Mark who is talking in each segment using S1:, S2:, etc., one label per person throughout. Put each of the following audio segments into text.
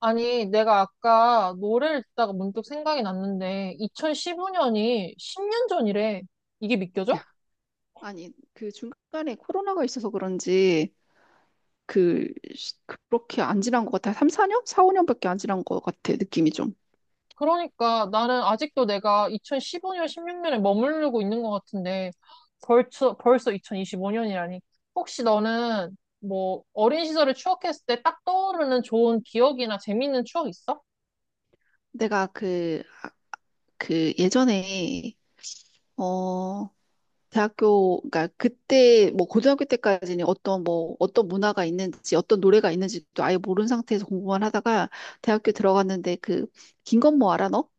S1: 아니, 내가 아까 노래를 듣다가 문득 생각이 났는데, 2015년이 10년 전이래. 이게 믿겨져?
S2: 아니, 그 중간에 코로나가 있어서 그런지, 그, 시- 그렇게 안 지난 것 같아. 3, 4년? 4, 5년밖에 안 지난 것 같아, 느낌이 좀.
S1: 그러니까 나는 아직도 내가 2015년, 16년에 머무르고 있는 것 같은데, 벌써 2025년이라니. 혹시 너는 뭐 어린 시절을 추억했을 때 딱 떠오르는 좋은 기억이나 재밌는 추억 있어?
S2: 내가 그 예전에, 어, 대학교, 그러니까 그때, 뭐, 고등학교 때까지는 어떤 뭐, 어떤 문화가 있는지, 어떤 노래가 있는지도 아예 모르는 상태에서 공부만 하다가 대학교 들어갔는데 김건모 알아, 너?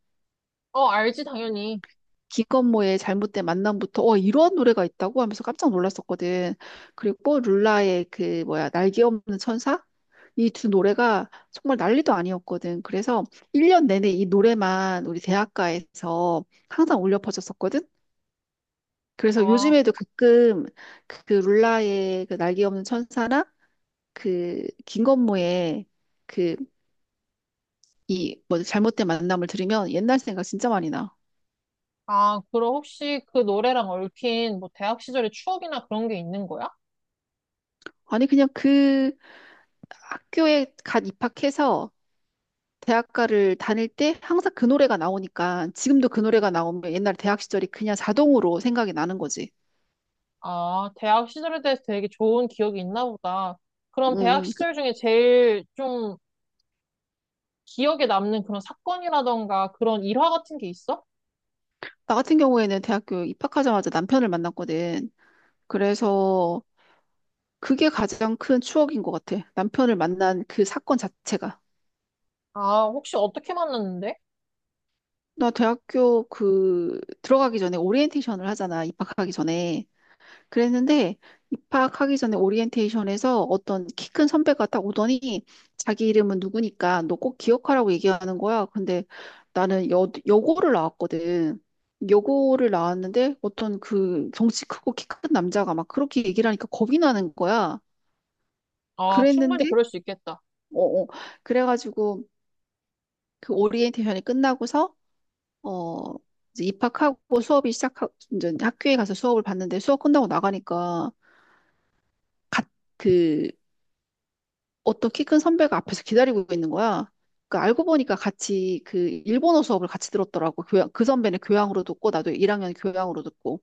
S1: 어, 알지, 당연히.
S2: 김건모의 잘못된 만남부터 이런 노래가 있다고 하면서 깜짝 놀랐었거든. 그리고 룰라의 그 뭐야 날개 없는 천사, 이 두 노래가 정말 난리도 아니었거든. 그래서 1년 내내 이 노래만 우리 대학가에서 항상 울려 퍼졌었거든. 그래서
S1: 아,
S2: 요즘에도 가끔 그 룰라의 그 날개 없는 천사나 그 김건모의 그 이 뭐 잘못된 만남을 들으면 옛날 생각 진짜 많이 나.
S1: 아, 그럼 혹시 그 노래랑 얽힌 뭐 대학 시절의 추억이나 그런 게 있는 거야?
S2: 아니 그냥 그 학교에 갓 입학해서 대학가를 다닐 때 항상 그 노래가 나오니까 지금도 그 노래가 나오면 옛날 대학 시절이 그냥 자동으로 생각이 나는 거지.
S1: 아, 대학 시절에 대해서 되게 좋은 기억이 있나 보다. 그럼 대학
S2: 음, 그-
S1: 시절 중에 제일 좀 기억에 남는 그런 사건이라던가 그런 일화 같은 게 있어?
S2: 나 같은 경우에는 대학교 입학하자마자 남편을 만났거든. 그래서 그게 가장 큰 추억인 것 같아. 남편을 만난 그 사건 자체가.
S1: 아, 혹시 어떻게 만났는데?
S2: 나 대학교 그 들어가기 전에 오리엔테이션을 하잖아. 입학하기 전에. 그랬는데 입학하기 전에 오리엔테이션에서 어떤 키 큰 선배가 딱 오더니 자기 이름은 누구니까 너 꼭 기억하라고 얘기하는 거야. 근데 나는 여고를 나왔거든. 여고를 나왔는데 어떤 그 덩치 크고 키 큰 남자가 막 그렇게 얘기를 하니까 겁이 나는 거야.
S1: 아, 충분히
S2: 그랬는데
S1: 그럴 수 있겠다.
S2: 어, 어. 그래가지고 그 오리엔테이션이 끝나고서 어 이제 입학하고 수업이 시작하 이제 학교에 가서 수업을 봤는데 수업 끝나고 나가니까 갓- 그 어떤 키 큰 선배가 앞에서 기다리고 있는 거야. 그 알고 보니까 같이 그 일본어 수업을 같이 들었더라고. 교양, 그 선배는 교양으로 듣고 나도 1학년 교양으로 듣고.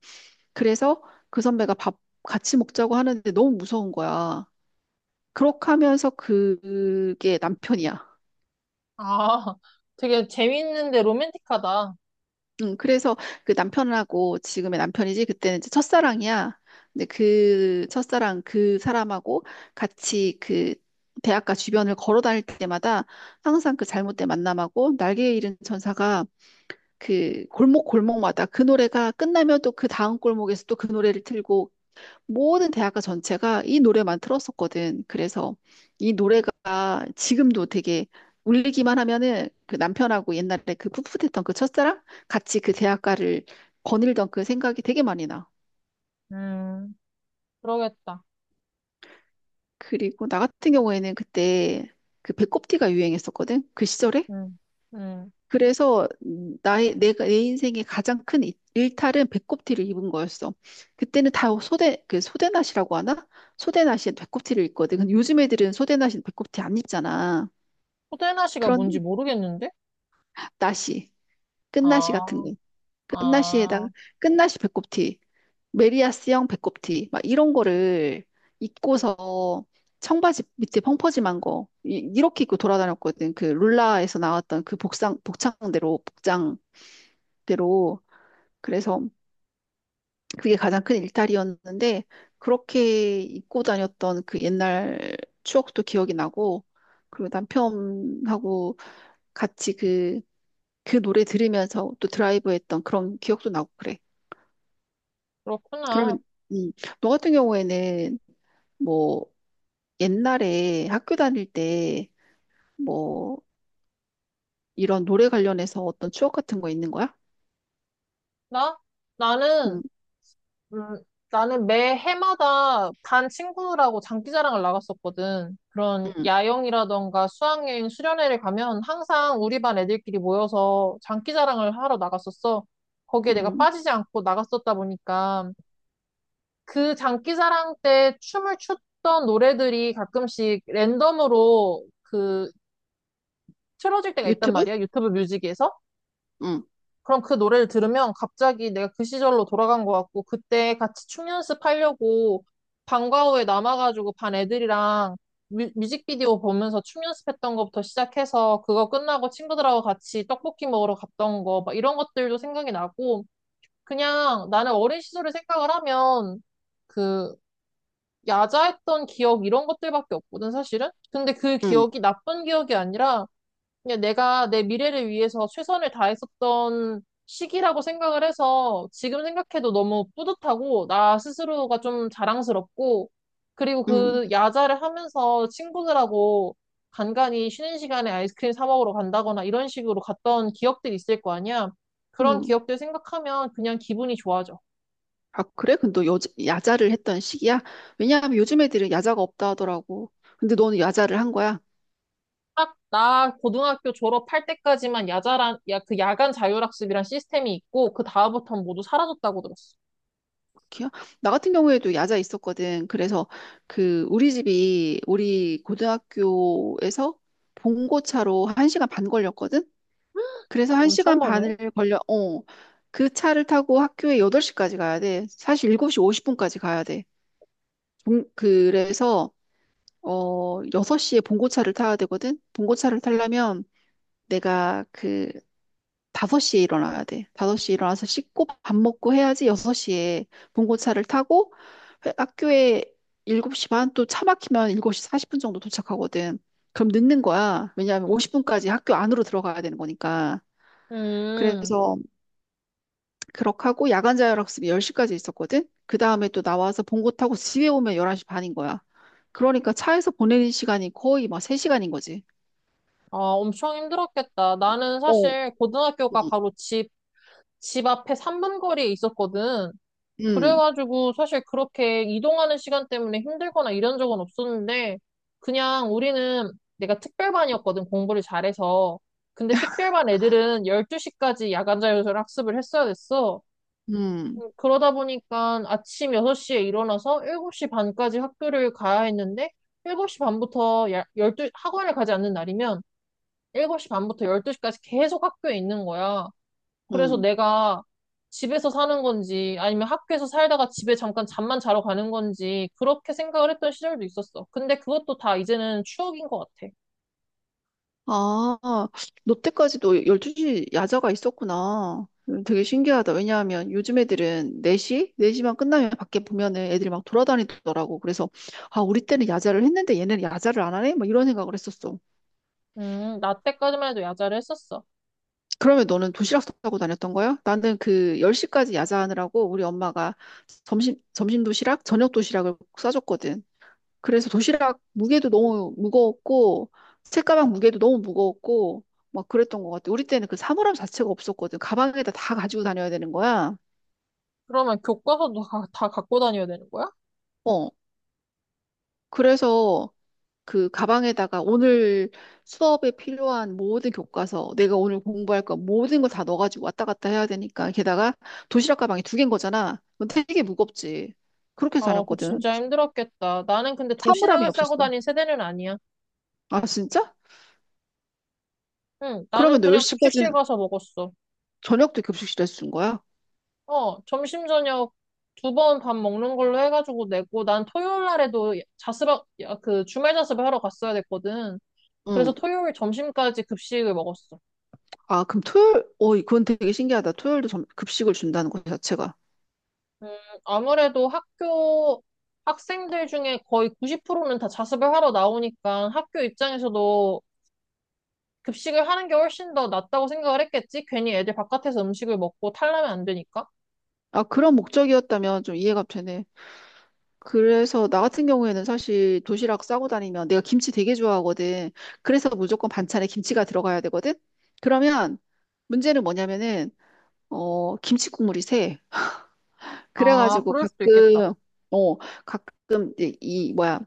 S2: 그래서 그 선배가 밥 같이 먹자고 하는데 너무 무서운 거야. 그렇게 하면서 그게 남편이야.
S1: 아, 되게 재밌는데 로맨틱하다.
S2: 응, 그래서 그 남편하고, 지금의 남편이지 그때는 이제 첫사랑이야. 근데 그 첫사랑 그 사람하고 같이 그 대학가 주변을 걸어 다닐 때마다 항상 그 잘못된 만남하고 날개 잃은 천사가, 그 골목 골목마다 그 노래가 끝나면 또 그 다음 골목에서 또 그 노래를 틀고, 모든 대학가 전체가 이 노래만 틀었었거든. 그래서 이 노래가 지금도 되게 울리기만 하면은 그 남편하고 옛날에 그 풋풋했던 그 첫사랑 같이 그 대학가를 거닐던 그 생각이 되게 많이 나.
S1: 음, 그러겠다.
S2: 그리고 나 같은 경우에는 그때 그 배꼽티가 유행했었거든. 그 시절에.
S1: 음, 음.
S2: 그래서 나의 내가 내 인생의 가장 큰 일탈은 배꼽티를 입은 거였어. 그때는 다 소대, 그 소대낫이라고 하나? 소대낫이 배꼽티를 입거든. 근데 요즘 애들은 소대낫이 배꼽티 안 입잖아.
S1: 호대나시가 뭔지
S2: 그런
S1: 모르겠는데?
S2: 나시, 끝나시 같은
S1: 아,
S2: 거, 끝나시에다가
S1: 아,
S2: 끝나시 배꼽티, 메리야스형 배꼽티 막 이런 거를 입고서 청바지 밑에 펑퍼짐한 거 이렇게 입고 돌아다녔거든. 그 룰라에서 나왔던 그 복상 복장대로, 그래서 그게 가장 큰 일탈이었는데 그렇게 입고 다녔던 그 옛날 추억도 기억이 나고, 그리고 남편하고 같이 그, 그 노래 들으면서 또 드라이브 했던 그런 기억도 나고 그래.
S1: 그렇구나.
S2: 그러면 음, 너 같은 경우에는 뭐 옛날에 학교 다닐 때 뭐 이런 노래 관련해서 어떤 추억 같은 거 있는 거야?
S1: 나? 나는
S2: 음,
S1: 음, 나는 매 해마다 반 친구들하고 장기자랑을 나갔었거든. 그런
S2: 음,
S1: 야영이라던가 수학여행, 수련회를 가면 항상 우리 반 애들끼리 모여서 장기자랑을 하러 나갔었어. 거기에 내가
S2: 음.
S1: 빠지지 않고 나갔었다 보니까 그 장기자랑 때 춤을 췄던 노래들이 가끔씩 랜덤으로 그 틀어질 때가 있단
S2: 유튜브?
S1: 말이야. 유튜브 뮤직에서.
S2: 음,
S1: 그럼 그 노래를 들으면 갑자기 내가 그 시절로 돌아간 것 같고, 그때 같이 춤 연습하려고 방과 후에 남아가지고 반 애들이랑 뮤직비디오 보면서 춤 연습했던 것부터 시작해서 그거 끝나고 친구들하고 같이 떡볶이 먹으러 갔던 거, 막 이런 것들도 생각이 나고, 그냥 나는 어린 시절을 생각을 하면 그 야자했던 기억 이런 것들밖에 없거든, 사실은. 근데 그
S2: 음,
S1: 기억이 나쁜 기억이 아니라 그냥 내가 내 미래를 위해서 최선을 다했었던 시기라고 생각을 해서 지금 생각해도 너무 뿌듯하고 나 스스로가 좀 자랑스럽고 그리고
S2: 음,
S1: 그 야자를 하면서 친구들하고 간간히 쉬는 시간에 아이스크림 사 먹으러 간다거나 이런 식으로 갔던 기억들이 있을 거 아니야. 그런
S2: 음.
S1: 기억들 생각하면 그냥 기분이 좋아져.
S2: 아, 그래? 근데 너 야자를 했던 시기야? 왜냐하면 요즘 애들은 야자가 없다 하더라고. 근데 너는 야자를 한 거야?
S1: 딱 나 고등학교 졸업할 때까지만 그 야간 자율학습이란 시스템이 있고 그 다음부터는 모두 사라졌다고 들었어.
S2: 그렇게요? 나 같은 경우에도 야자 있었거든. 그래서 그 우리 집이 우리 고등학교에서 봉고차로 한시간반 걸렸거든? 그래서 한시
S1: 엄청
S2: 간
S1: 많네.
S2: 반을 걸려, 그 차를 타고 학교에 8시까지 가야 돼. 사실 7시 50분까지 가야 돼. 그래서, 6시에 봉고차를 타야 되거든? 봉고차를 타려면 내가 그 5시에 일어나야 돼. 5시에 일어나서 씻고 밥 먹고 해야지 6시에 봉고차를 타고 학교에 7시 반, 또 차 막히면 7시 40분 정도 도착하거든. 그럼 늦는 거야. 왜냐하면 50분까지 학교 안으로 들어가야 되는 거니까.
S1: 음,
S2: 그래서 그렇게 하고 야간 자율학습이 10시까지 있었거든. 그 다음에 또 나와서 봉고 타고 집에 오면 11시 반인 거야. 그러니까 차에서 보내는 시간이 거의 막 3시간인 거지.
S1: 아, 엄청 힘들었겠다. 나는
S2: 어.
S1: 사실 고등학교가
S2: 음,
S1: 바로 집 앞에 3분 거리에 있었거든.
S2: 음,
S1: 그래가지고 사실 그렇게 이동하는 시간 때문에 힘들거나 이런 적은 없었는데, 그냥 우리는 내가 특별반이었거든, 공부를 잘해서. 근데 특별반 애들은 12시까지 야간 자율 학습을 했어야 됐어.
S2: 음.
S1: 그러다 보니까 아침 6시에 일어나서 7시 반까지 학교를 가야 했는데, 7시 반부터 열두 학원을 가지 않는 날이면 7시 반부터 12시까지 계속 학교에 있는 거야. 그래서
S2: 음.
S1: 내가 집에서 사는 건지 아니면 학교에서 살다가 집에 잠깐 잠만 자러 가는 건지 그렇게 생각을 했던 시절도 있었어. 근데 그것도 다 이제는 추억인 것 같아.
S2: 아, 너 때까지도 12시 야자가 있었구나. 되게 신기하다. 왜냐하면 요즘 애들은 4시? 4시만 끝나면 밖에 보면은 애들이 막 돌아다니더라고. 그래서, 아, 우리 때는 야자를 했는데 얘는 야자를 안 하네? 막 이런 생각을 했었어.
S1: 나 때까지만 해도 야자를 했었어.
S2: 그러면 너는 도시락 싸고 다녔던 거야? 나는 그 10시까지 야자하느라고 우리 엄마가 점심 도시락, 저녁 도시락을 꼭 싸줬거든. 그래서 도시락 무게도 너무 무거웠고 책가방 무게도 너무 무거웠고 막 그랬던 것 같아. 우리 때는 그 사물함 자체가 없었거든. 가방에다 다 가지고 다녀야 되는 거야.
S1: 그러면 교과서도 다 갖고 다녀야 되는 거야?
S2: 어. 그래서 그 가방에다가 오늘 수업에 필요한 모든 교과서, 내가 오늘 공부할 거 모든 걸 다 넣어가지고 왔다 갔다 해야 되니까, 게다가 도시락 가방이 두 개인 거잖아. 그건 되게 무겁지. 그렇게
S1: 아, 그
S2: 다녔거든.
S1: 진짜 힘들었겠다. 나는 근데
S2: 사물함이
S1: 도시락을 싸고
S2: 없었어.
S1: 다닌 세대는 아니야.
S2: 아, 진짜?
S1: 응, 나는
S2: 그러면 너
S1: 그냥 급식실
S2: 10시까지는
S1: 가서 먹었어.
S2: 저녁도 급식실에서 준 거야?
S1: 어, 점심 저녁 두 번 밥 먹는 걸로 해가지고 내고 난 토요일 날에도 그 주말 자습을 하러 갔어야 됐거든. 그래서
S2: 응.
S1: 토요일 점심까지 급식을 먹었어.
S2: 아, 그럼 토요일, 어, 그건 되게 신기하다. 토요일도 급식을 준다는 것 자체가.
S1: 음, 아무래도 학교 학생들 중에 거의 90%는 다 자습을 하러 나오니까 학교 입장에서도 급식을 하는 게 훨씬 더 낫다고 생각을 했겠지? 괜히 애들 바깥에서 음식을 먹고 탈라면 안 되니까.
S2: 아, 그런 목적이었다면 좀 이해가 되네. 그래서 나 같은 경우에는 사실 도시락 싸고 다니면 내가 김치 되게 좋아하거든. 그래서 무조건 반찬에 김치가 들어가야 되거든. 그러면 문제는 뭐냐면은, 김치 국물이 새.
S1: 아,
S2: 그래가지고
S1: 그럴 수도 있겠다.
S2: 어, 가끔 이제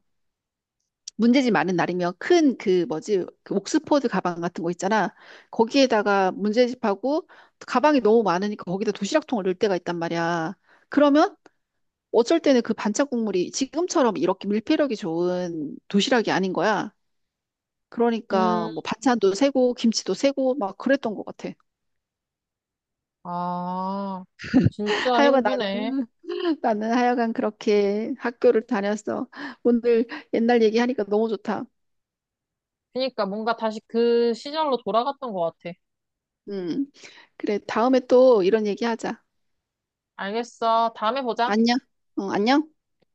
S2: 문제집 많은 날이면 큰 그 뭐지 그 옥스포드 가방 같은 거 있잖아. 거기에다가 문제집하고 가방이 너무 많으니까 거기다 도시락통을 넣을 때가 있단 말이야. 그러면 어쩔 때는 그 반찬 국물이 지금처럼 이렇게 밀폐력이 좋은 도시락이 아닌 거야. 그러니까
S1: 음,
S2: 뭐 반찬도 새고 김치도 새고 막 그랬던 것 같아.
S1: 아, 진짜
S2: 하여간
S1: 힘드네.
S2: 나는 나는 하여간 그렇게 학교를 다녔어. 오늘 옛날 얘기하니까 너무 좋다.
S1: 그러니까 뭔가 다시 그 시절로 돌아갔던 것 같아.
S2: 음. 그래 다음에 또 이런 얘기하자.
S1: 알겠어. 다음에 보자.
S2: 안녕. 어, 안녕.